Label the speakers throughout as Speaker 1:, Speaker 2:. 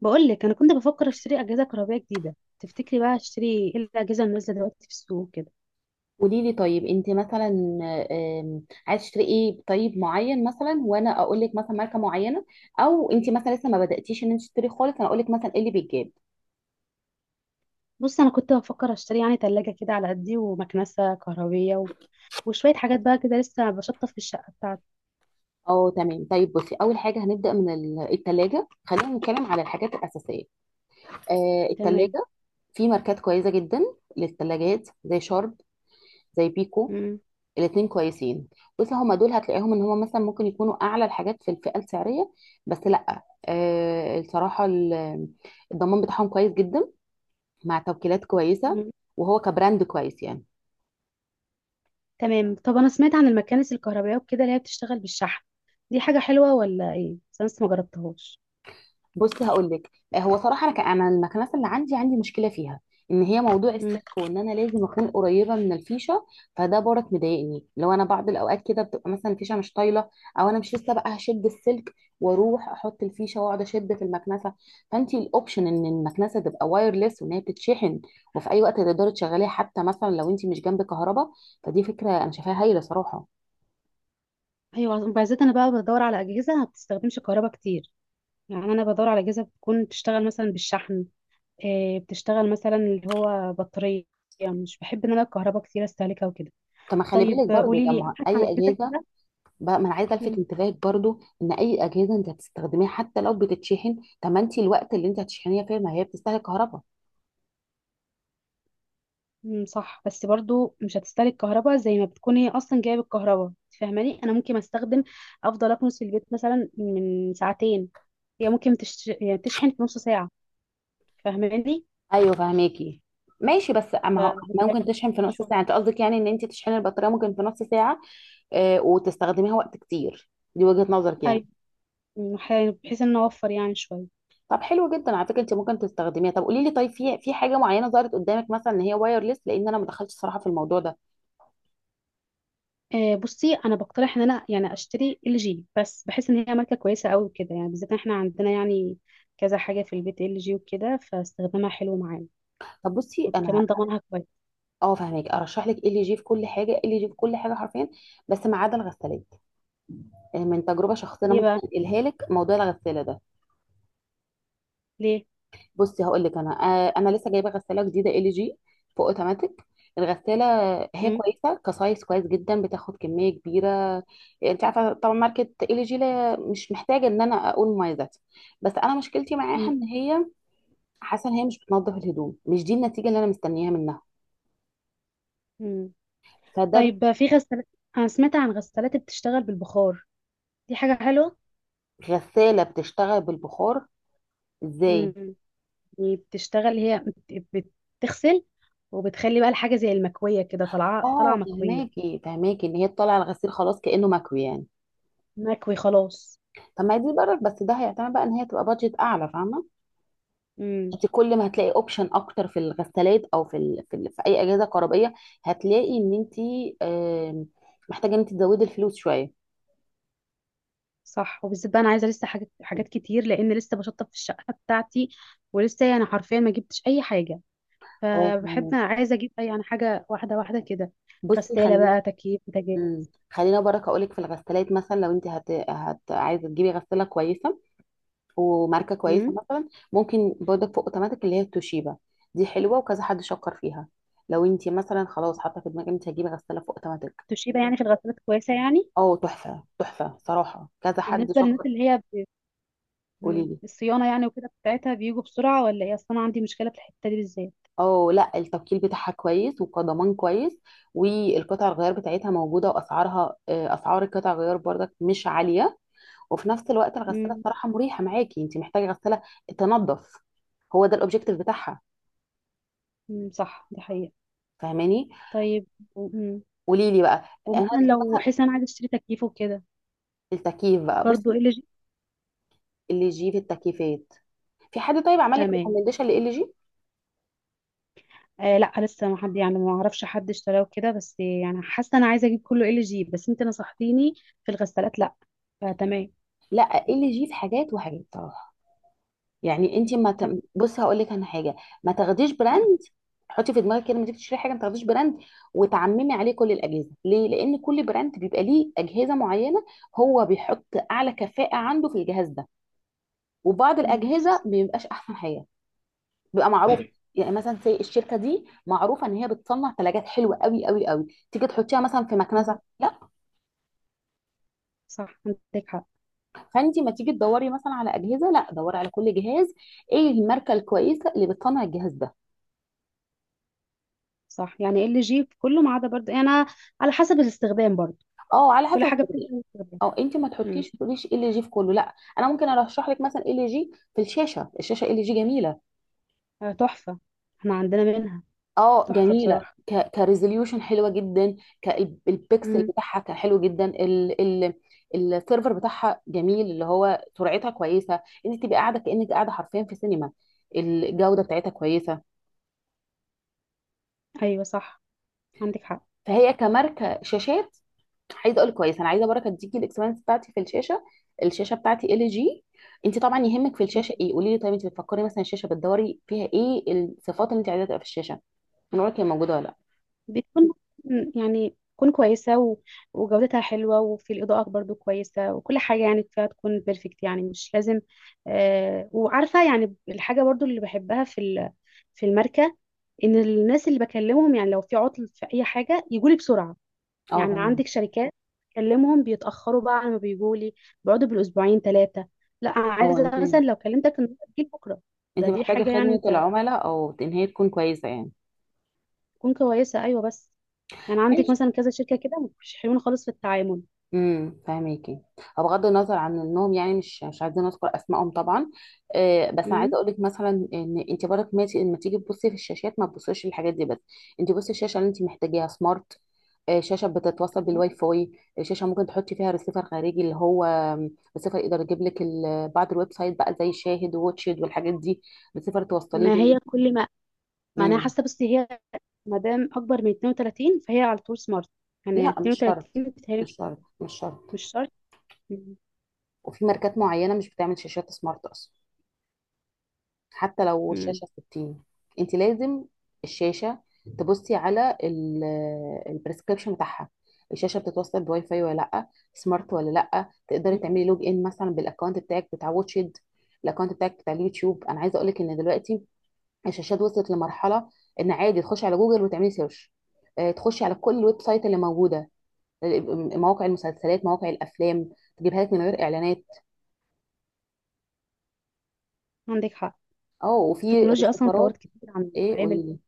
Speaker 1: بقول لك انا كنت بفكر اشتري اجهزه كهربائيه جديده. تفتكري بقى اشتري ايه الاجهزه اللي نازله دلوقتي في السوق كده؟
Speaker 2: قولي لي طيب انت مثلا، عايز تشتري ايه طيب معين مثلا وانا اقول لك مثلا ماركه معينه، او انت مثلا لسه ما بداتيش ان انت تشتري خالص انا اقول لك مثلا ايه اللي بيتجاب.
Speaker 1: بص، انا كنت بفكر اشتري يعني ثلاجه كده على قدي ومكنسه كهربيه وشويه حاجات بقى كده، لسه بشطف في الشقه بتاعتي.
Speaker 2: اه تمام طيب بصي اول حاجه هنبدا من التلاجة، خلينا نتكلم على الحاجات الاساسيه. آه
Speaker 1: تمام.
Speaker 2: التلاجة، في ماركات كويسه جدا للتلاجات، زي شارب، زي بيكو،
Speaker 1: مم.
Speaker 2: الاتنين كويسين. بص هما دول هتلاقيهم ان هما مثلا ممكن يكونوا اعلى الحاجات في الفئه السعريه، بس لا آه الصراحه الضمان بتاعهم كويس جدا، مع توكيلات كويسه،
Speaker 1: مم.
Speaker 2: وهو كبراند كويس يعني.
Speaker 1: تمام، طب انا سمعت عن المكانس الكهربائيه وكده اللي هي بتشتغل بالشحن. دي حاجه حلوه ولا ايه؟ بس انا لسه ما جربتهاش.
Speaker 2: بصي هقول لك هو صراحه انا انا المكنسه اللي عندي مشكله فيها، ان هي موضوع
Speaker 1: مم.
Speaker 2: السلك، وان انا لازم اكون قريبه من الفيشه، فده برك مضايقني، لو انا بعض الاوقات كده بتبقى مثلا الفيشه مش طايله، او انا مش لسه بقى هشد السلك واروح احط الفيشه واقعد اشد في المكنسه. فانت الاوبشن ان المكنسه تبقى وايرلس وان هي بتتشحن، وفي اي وقت تقدري تشغليها حتى مثلا لو انت مش جنب كهرباء، فدي فكره انا شايفاها هايله صراحه.
Speaker 1: ايوه، وبالذات انا بقى بدور على اجهزه ما بتستخدمش كهرباء كتير. يعني انا بدور على اجهزه بتكون بتشتغل مثلا بالشحن، بتشتغل مثلا اللي هو بطارية. مش بحب ان انا الكهرباء كتير استهلكها وكده.
Speaker 2: طب ما خلي
Speaker 1: طيب
Speaker 2: بالك برضو،
Speaker 1: قولي
Speaker 2: طب
Speaker 1: لي
Speaker 2: ما
Speaker 1: ابحث عن
Speaker 2: اي
Speaker 1: اجهزة
Speaker 2: اجهزه
Speaker 1: كده.
Speaker 2: بقى، ما انا عايزه الفت
Speaker 1: مم،
Speaker 2: انتباهك برضو ان اي اجهزه انت هتستخدميها حتى لو بتتشحن، طب ما انت الوقت اللي انت هتشحنيها فيه ما هي بتستهلك كهرباء.
Speaker 1: مم، صح، بس برضو مش هتستهلك كهرباء زي ما بتكون هي اصلا جايه بالكهرباء. فاهماني؟ انا ممكن استخدم، افضل اكنس في البيت مثلا من ساعتين، هي ممكن يعني تشحن في نص ساعة. فاهماني؟
Speaker 2: ايوه فهماكي، ماشي بس ما هو ممكن
Speaker 1: فبتلاقي
Speaker 2: تشحن في
Speaker 1: كتير
Speaker 2: نص ساعه، انت
Speaker 1: شوية.
Speaker 2: قصدك يعني ان انت تشحني البطاريه ممكن في نص ساعه، آه وتستخدميها وقت كتير، دي وجهه نظرك يعني.
Speaker 1: ايوه. مم، بحيث ان أنا اوفر يعني شوية.
Speaker 2: طب حلو جدا على فكره انت ممكن تستخدميها، طب قولي لي طيب في حاجه معينه ظهرت قدامك مثلا ان هي وايرلس، لان انا ما دخلتش صراحه في الموضوع ده.
Speaker 1: بصي، انا بقترح ان انا يعني اشتري ال جي، بس بحس ان هي ماركه كويسه قوي كده، يعني بالذات إن احنا عندنا يعني كذا حاجه في البيت ال جي وكده، فاستخدامها حلو معانا.
Speaker 2: طب بصي انا،
Speaker 1: وكمان ضمانها كويس.
Speaker 2: اه فاهمك، ارشح لك ال جي في كل حاجه، ال جي في كل حاجه حرفيا، بس ما عدا الغسالات، من تجربه شخصيه انا
Speaker 1: ليه
Speaker 2: ممكن
Speaker 1: بقى؟
Speaker 2: انقلها لك موضوع الغساله ده.
Speaker 1: ليه؟
Speaker 2: بصي هقول لك انا، انا لسه جايبه غساله جديده ال جي، فوق اوتوماتيك الغساله، هي
Speaker 1: مم؟
Speaker 2: كويسه، كسايز كويس جدا، بتاخد كميه كبيره. انت عارفه طبعا ماركه ال جي، لا مش محتاجه ان انا اقول مميزاتها، بس انا مشكلتي معاها
Speaker 1: مم؟
Speaker 2: ان هي حاسه ان هي مش بتنظف الهدوم، مش دي النتيجه اللي انا مستنياها منها،
Speaker 1: مم.
Speaker 2: فده
Speaker 1: طيب في غسالات، انا سمعت عن غسالات بتشتغل بالبخار. دي حاجه حلوه.
Speaker 2: غساله بتشتغل بالبخار ازاي؟
Speaker 1: مم. يعني بتشتغل هي، بت- بتغسل، وبتخلي بقى الحاجه زي المكويه كده، طالعه طالعه
Speaker 2: اه
Speaker 1: مكويه.
Speaker 2: فهماكي فهماكي ان هي تطلع الغسيل خلاص كانه مكوي يعني.
Speaker 1: مكوي خلاص.
Speaker 2: طب ما هي دي برك، بس ده هيعتمد بقى ان هي تبقى بادجت اعلى، فاهمه؟
Speaker 1: مم.
Speaker 2: انت كل ما هتلاقي اوبشن اكتر في الغسالات او في في اي اجهزه كهربائيه، هتلاقي ان انت آم، محتاجه ان انت تزودي الفلوس شويه.
Speaker 1: صح، وبالذات بقى انا عايزه لسه حاجات كتير، لان لسه بشطب في الشقه بتاعتي ولسه يعني حرفيا ما جبتش اي حاجه.
Speaker 2: اه
Speaker 1: فبحب
Speaker 2: يعني
Speaker 1: انا عايزه اجيب اي يعني حاجه، واحده واحده كده.
Speaker 2: بصي
Speaker 1: غساله
Speaker 2: خلي،
Speaker 1: بقى، تكييف، بوتاجاز.
Speaker 2: خلينا برك اقول لك في الغسالات مثلا لو انت عايزه تجيبي غساله كويسه وماركه كويسه،
Speaker 1: امم.
Speaker 2: مثلا ممكن برضك في اوتوماتيك اللي هي التوشيبا، دي حلوه وكذا حد شكر فيها. لو انت مثلا خلاص حاطه في دماغك انت هتجيبي غساله في اوتوماتيك،
Speaker 1: توشيبا يعني في الغسالات كويسه يعني؟
Speaker 2: اه تحفة تحفة صراحة، كذا حد
Speaker 1: بالنسبه للناس
Speaker 2: شكر.
Speaker 1: اللي هي
Speaker 2: قولي
Speaker 1: مم.
Speaker 2: لي،
Speaker 1: الصيانه يعني وكده بتاعتها، بيجوا بسرعه ولا ايه؟ اصلا عندي مشكله في الحته دي بالذات.
Speaker 2: اه لا التوكيل بتاعها كويس وكضمان كويس، والقطع الغيار بتاعتها موجودة، واسعارها اسعار القطع الغيار برضك مش عالية. وفي نفس الوقت الغسالة
Speaker 1: امم.
Speaker 2: بصراحة مريحة معاكي، انت محتاجة غسالة تنظف، هو ده الاوبجيكتيف بتاعها،
Speaker 1: أمم، صح، دي حقيقه.
Speaker 2: فاهماني؟
Speaker 1: طيب، و... أمم.
Speaker 2: قولي لي بقى، انا
Speaker 1: ومثلا
Speaker 2: هدخل
Speaker 1: لو
Speaker 2: مثلا
Speaker 1: حسن، عايز اشتري تكييف وكده،
Speaker 2: التكييف بقى،
Speaker 1: برضو
Speaker 2: بصي
Speaker 1: ال جي؟
Speaker 2: ال جي في التكييفات، في حد طيب عمل لك
Speaker 1: تمام.
Speaker 2: ريكومنديشن ل ال جي؟
Speaker 1: آه لا، لسه ما حد، يعني ما اعرفش حد اشتراه كده، بس يعني حاسه انا عايزه اجيب كله ال جي، بس انت نصحتيني في الغسالات لا، فتمام.
Speaker 2: لا ال جي في حاجات وحاجات، يعني انت ما ت...
Speaker 1: تمام.
Speaker 2: بص هقول لك انا حاجه، ما تاخديش براند، حطي في دماغك كده لما تيجي تشتري حاجه ما تاخديش براند وتعممي عليه كل الاجهزه، ليه؟ لان كل براند بيبقى ليه اجهزه معينه، هو بيحط اعلى كفاءه عنده في الجهاز ده، وبعض
Speaker 1: مم،
Speaker 2: الاجهزه
Speaker 1: صح.
Speaker 2: ما بيبقاش احسن حاجه، بيبقى معروف. يعني مثلا زي الشركه دي معروفه ان هي بتصنع ثلاجات حلوه قوي قوي قوي، تيجي تحطيها مثلا في
Speaker 1: مم،
Speaker 2: مكنسه؟ لا.
Speaker 1: صح، عندك حق.
Speaker 2: فانت ما تيجي تدوري مثلا على اجهزه، لا دوري على كل جهاز، ايه الماركه الكويسه اللي بتصنع الجهاز ده.
Speaker 1: صح، يعني ال جي في كله ما عدا، برضه يعني أنا على حسب الاستخدام برضه.
Speaker 2: اه على
Speaker 1: كل
Speaker 2: حسب
Speaker 1: حاجه بتبقى
Speaker 2: التطبيق،
Speaker 1: الاستخدام.
Speaker 2: اه انت ما
Speaker 1: مم.
Speaker 2: تحطيش تقوليش ال جي في كله، لا انا ممكن ارشح لك مثلا ال جي في الشاشه، الشاشه ال جي جميله.
Speaker 1: آه تحفه، احنا عندنا منها.
Speaker 2: اه
Speaker 1: تحفه
Speaker 2: جميله،
Speaker 1: بصراحه.
Speaker 2: ك كريزوليوشن حلوه جدا، كالبكسل
Speaker 1: مم.
Speaker 2: بتاعها كان حلو جدا ال ال السيرفر بتاعها جميل، اللي هو سرعتها كويسه، انت تبقى قاعده كانك قاعده حرفيا في سينما، الجوده بتاعتها كويسه.
Speaker 1: ايوه صح، عندك حق.
Speaker 2: فهي كماركه شاشات عايزه اقول كويس، انا عايزه بركه تديكي الاكسبيرينس بتاعتي في الشاشه، الشاشه بتاعتي ال جي. انت طبعا يهمك في الشاشه ايه؟ قولي لي طيب انت بتفكري مثلا الشاشه بتدوري فيها ايه الصفات اللي انت عايزاها تبقى في الشاشه، من رايك هي موجوده ولا لا؟
Speaker 1: بتكون، يعني تكون كويسة وجودتها حلوة، وفي الإضاءة برضو كويسة، وكل حاجة يعني فيها تكون بيرفكت، يعني مش لازم. آه، وعارفة يعني الحاجة برضو اللي بحبها في في الماركة، إن الناس اللي بكلمهم، يعني لو في عطل في أي حاجة يجولي بسرعة.
Speaker 2: اه
Speaker 1: يعني عندك
Speaker 2: فهمت.
Speaker 1: شركات بكلمهم بيتأخروا بقى على ما بيجولي، بيقعدوا بالأسبوعين ثلاثة. لا، أنا
Speaker 2: اه انت
Speaker 1: عايزة مثلا لو كلمتك النهاردة تجيلي بكرة. ده دي
Speaker 2: محتاجه
Speaker 1: حاجة يعني
Speaker 2: خدمه
Speaker 1: أنت.
Speaker 2: العملاء او ان هي تكون كويسه،
Speaker 1: تكون كويسه، ايوه. بس يعني عندك
Speaker 2: يعني
Speaker 1: مثلا كذا شركه كده مش حلوين خالص في التعامل.
Speaker 2: فاهميكي. هو بغض النظر عن النوم يعني مش عايزين نذكر اسمائهم طبعا، آه بس انا عايزه
Speaker 1: امم.
Speaker 2: اقول لك مثلا ان انت برك ما لما تيجي تبصي في الشاشات ما تبصيش للحاجات دي بس، انت بصي الشاشه اللي انت محتاجاها سمارت، آه شاشه بتتوصل بالواي فاي، شاشه ممكن تحطي فيها ريسيفر خارجي اللي هو ريسيفر يقدر يجيب لك بعض الويب سايت بقى زي شاهد ووتشد والحاجات دي، ريسيفر توصليه
Speaker 1: ما
Speaker 2: بال
Speaker 1: هي كل ما، ما انا
Speaker 2: مم.
Speaker 1: حاسه بس هي ما دام اكبر من 32 فهي على طول سمارت. يعني
Speaker 2: لا مش شرط،
Speaker 1: 32 بتهيألي مش،
Speaker 2: مش شرط، مش
Speaker 1: مش
Speaker 2: شرط.
Speaker 1: شرط. امم.
Speaker 2: وفي ماركات معينه مش بتعمل شاشات سمارت اصلا، حتى لو
Speaker 1: مم.
Speaker 2: الشاشة 60، انت لازم الشاشة تبصي على البريسكريبشن بتاعها، الشاشة بتتوصل بواي فاي ولا لا، سمارت ولا لا، تقدري
Speaker 1: مم.
Speaker 2: تعملي لوج ان مثلا بالاكونت بتاعك بتاع واتشد، الاكونت بتاعك بتاع اليوتيوب. انا عايزة اقولك ان دلوقتي الشاشات وصلت لمرحلة ان عادي تخشي على جوجل وتعملي سيرش، تخشي على كل الويب سايت اللي موجودة، آه، مواقع المسلسلات مواقع الافلام، تجيبها لك من غير اعلانات.
Speaker 1: عندك حق.
Speaker 2: اه وفي
Speaker 1: التكنولوجيا اصلا اتطورت
Speaker 2: السفارات،
Speaker 1: كتير عن
Speaker 2: ايه
Speaker 1: العامل.
Speaker 2: قولي،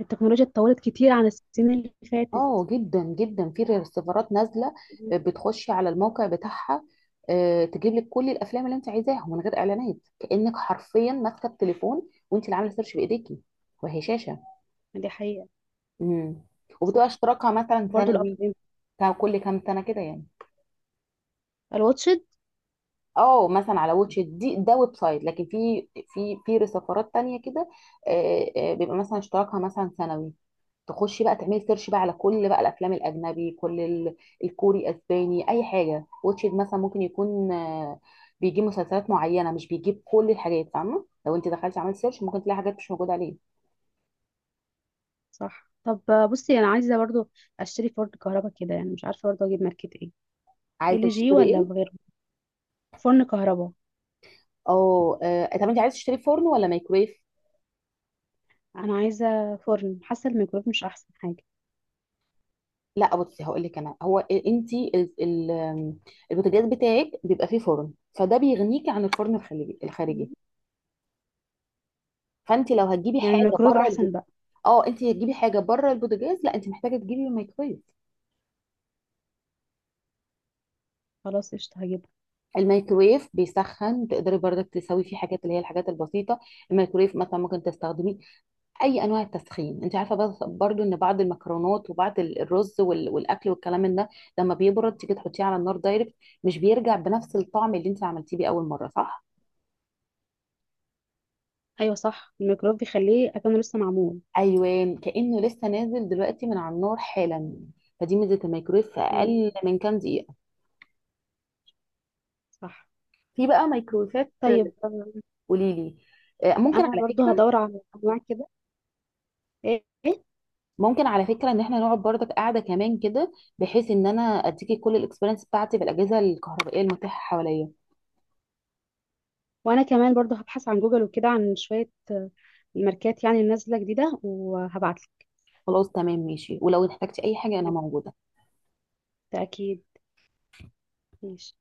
Speaker 1: التكنولوجيا اتطورت كتير عن السنين اللي فاتت.
Speaker 2: اه جدا جدا في ريسيفرات نازله،
Speaker 1: مم.
Speaker 2: بتخشي على الموقع بتاعها، تجيب لك كل الافلام اللي انت عايزاها من غير اعلانات كانك حرفيا ماسكه التليفون وانت اللي عامله سيرش بايديكي، وهي شاشه.
Speaker 1: دي حقيقه.
Speaker 2: امم، وبتبقى
Speaker 1: صح.
Speaker 2: اشتراكها مثلا
Speaker 1: برضو
Speaker 2: سنوي،
Speaker 1: الابلين،
Speaker 2: كل كام سنه كده يعني.
Speaker 1: الواتشد.
Speaker 2: اه مثلا على واتش إت، دي ده ويب سايت، لكن في في ريسيفرات تانية كده، بيبقى مثلا اشتراكها مثلا سنوي، تخشي بقى تعملي سيرش بقى على كل بقى الافلام الاجنبي كل الكوري اسباني اي حاجه، واتشد مثلا ممكن يكون بيجيب مسلسلات معينه مش بيجيب كل الحاجات، فاهمه؟ لو انت دخلتي عملت سيرش ممكن تلاقي حاجات مش موجوده عليه.
Speaker 1: صح. طب بصي، انا عايزه برضو اشتري فرن كهرباء كده، يعني مش عارفه برضو اجيب ماركه ايه.
Speaker 2: عايزه
Speaker 1: ال جي
Speaker 2: تشتري
Speaker 1: ولا
Speaker 2: ايه؟
Speaker 1: بغيره؟ فرن كهرباء.
Speaker 2: اه طب انت عايزه تشتري فرن ولا مايكرويف؟
Speaker 1: انا عايزه فرن، حاسه الميكرويف مش احسن حاجه.
Speaker 2: لا بصي هقول لك انا، هو انت البوتاجاز بتاعك بيبقى فيه فرن، فده بيغنيكي عن الفرن الخليجي الخارجي، فانت لو هتجيبي
Speaker 1: يعني
Speaker 2: حاجه
Speaker 1: الميكرويف
Speaker 2: بره
Speaker 1: احسن بقى؟
Speaker 2: اه انت هتجيبي حاجه بره البوتاجاز، لا انت محتاجه تجيبي مايكرويف.
Speaker 1: خلاص قشطه هجيبها.
Speaker 2: الميكرويف بيسخن، تقدري برضك تسوي فيه حاجات اللي هي الحاجات البسيطه، الميكرويف مثلا ممكن تستخدمي اي انواع التسخين انت عارفه، بس برضو ان بعض المكرونات وبعض الرز والاكل والكلام من ده لما بيبرد تيجي تحطيه على النار دايركت مش بيرجع بنفس الطعم اللي انت عملتيه بيه اول مره، صح؟
Speaker 1: ايوه صح، الميكرويف بيخليه اكنه لسه معمول.
Speaker 2: ايوه كانه لسه نازل دلوقتي من على النار حالا، فدي ميزه الميكرويف في
Speaker 1: امم.
Speaker 2: اقل من كام دقيقه.
Speaker 1: صح.
Speaker 2: في بقى ميكرويفات،
Speaker 1: طيب
Speaker 2: قولي لي، ممكن
Speaker 1: انا
Speaker 2: على
Speaker 1: برضو
Speaker 2: فكره،
Speaker 1: هدور على انواع كده. ايه إيه؟
Speaker 2: ان احنا نقعد برضك قاعده كمان كده بحيث ان انا اديكي كل الاكسبيرينس بتاعتي بالاجهزه الكهربائيه المتاحه حواليا.
Speaker 1: وانا كمان برضو هبحث عن جوجل وكده عن شويه الماركات يعني نازله جديده، وهبعتلك.
Speaker 2: خلاص تمام ماشي، ولو احتجتي اي حاجه انا موجوده.
Speaker 1: بالتاكيد. ماشي.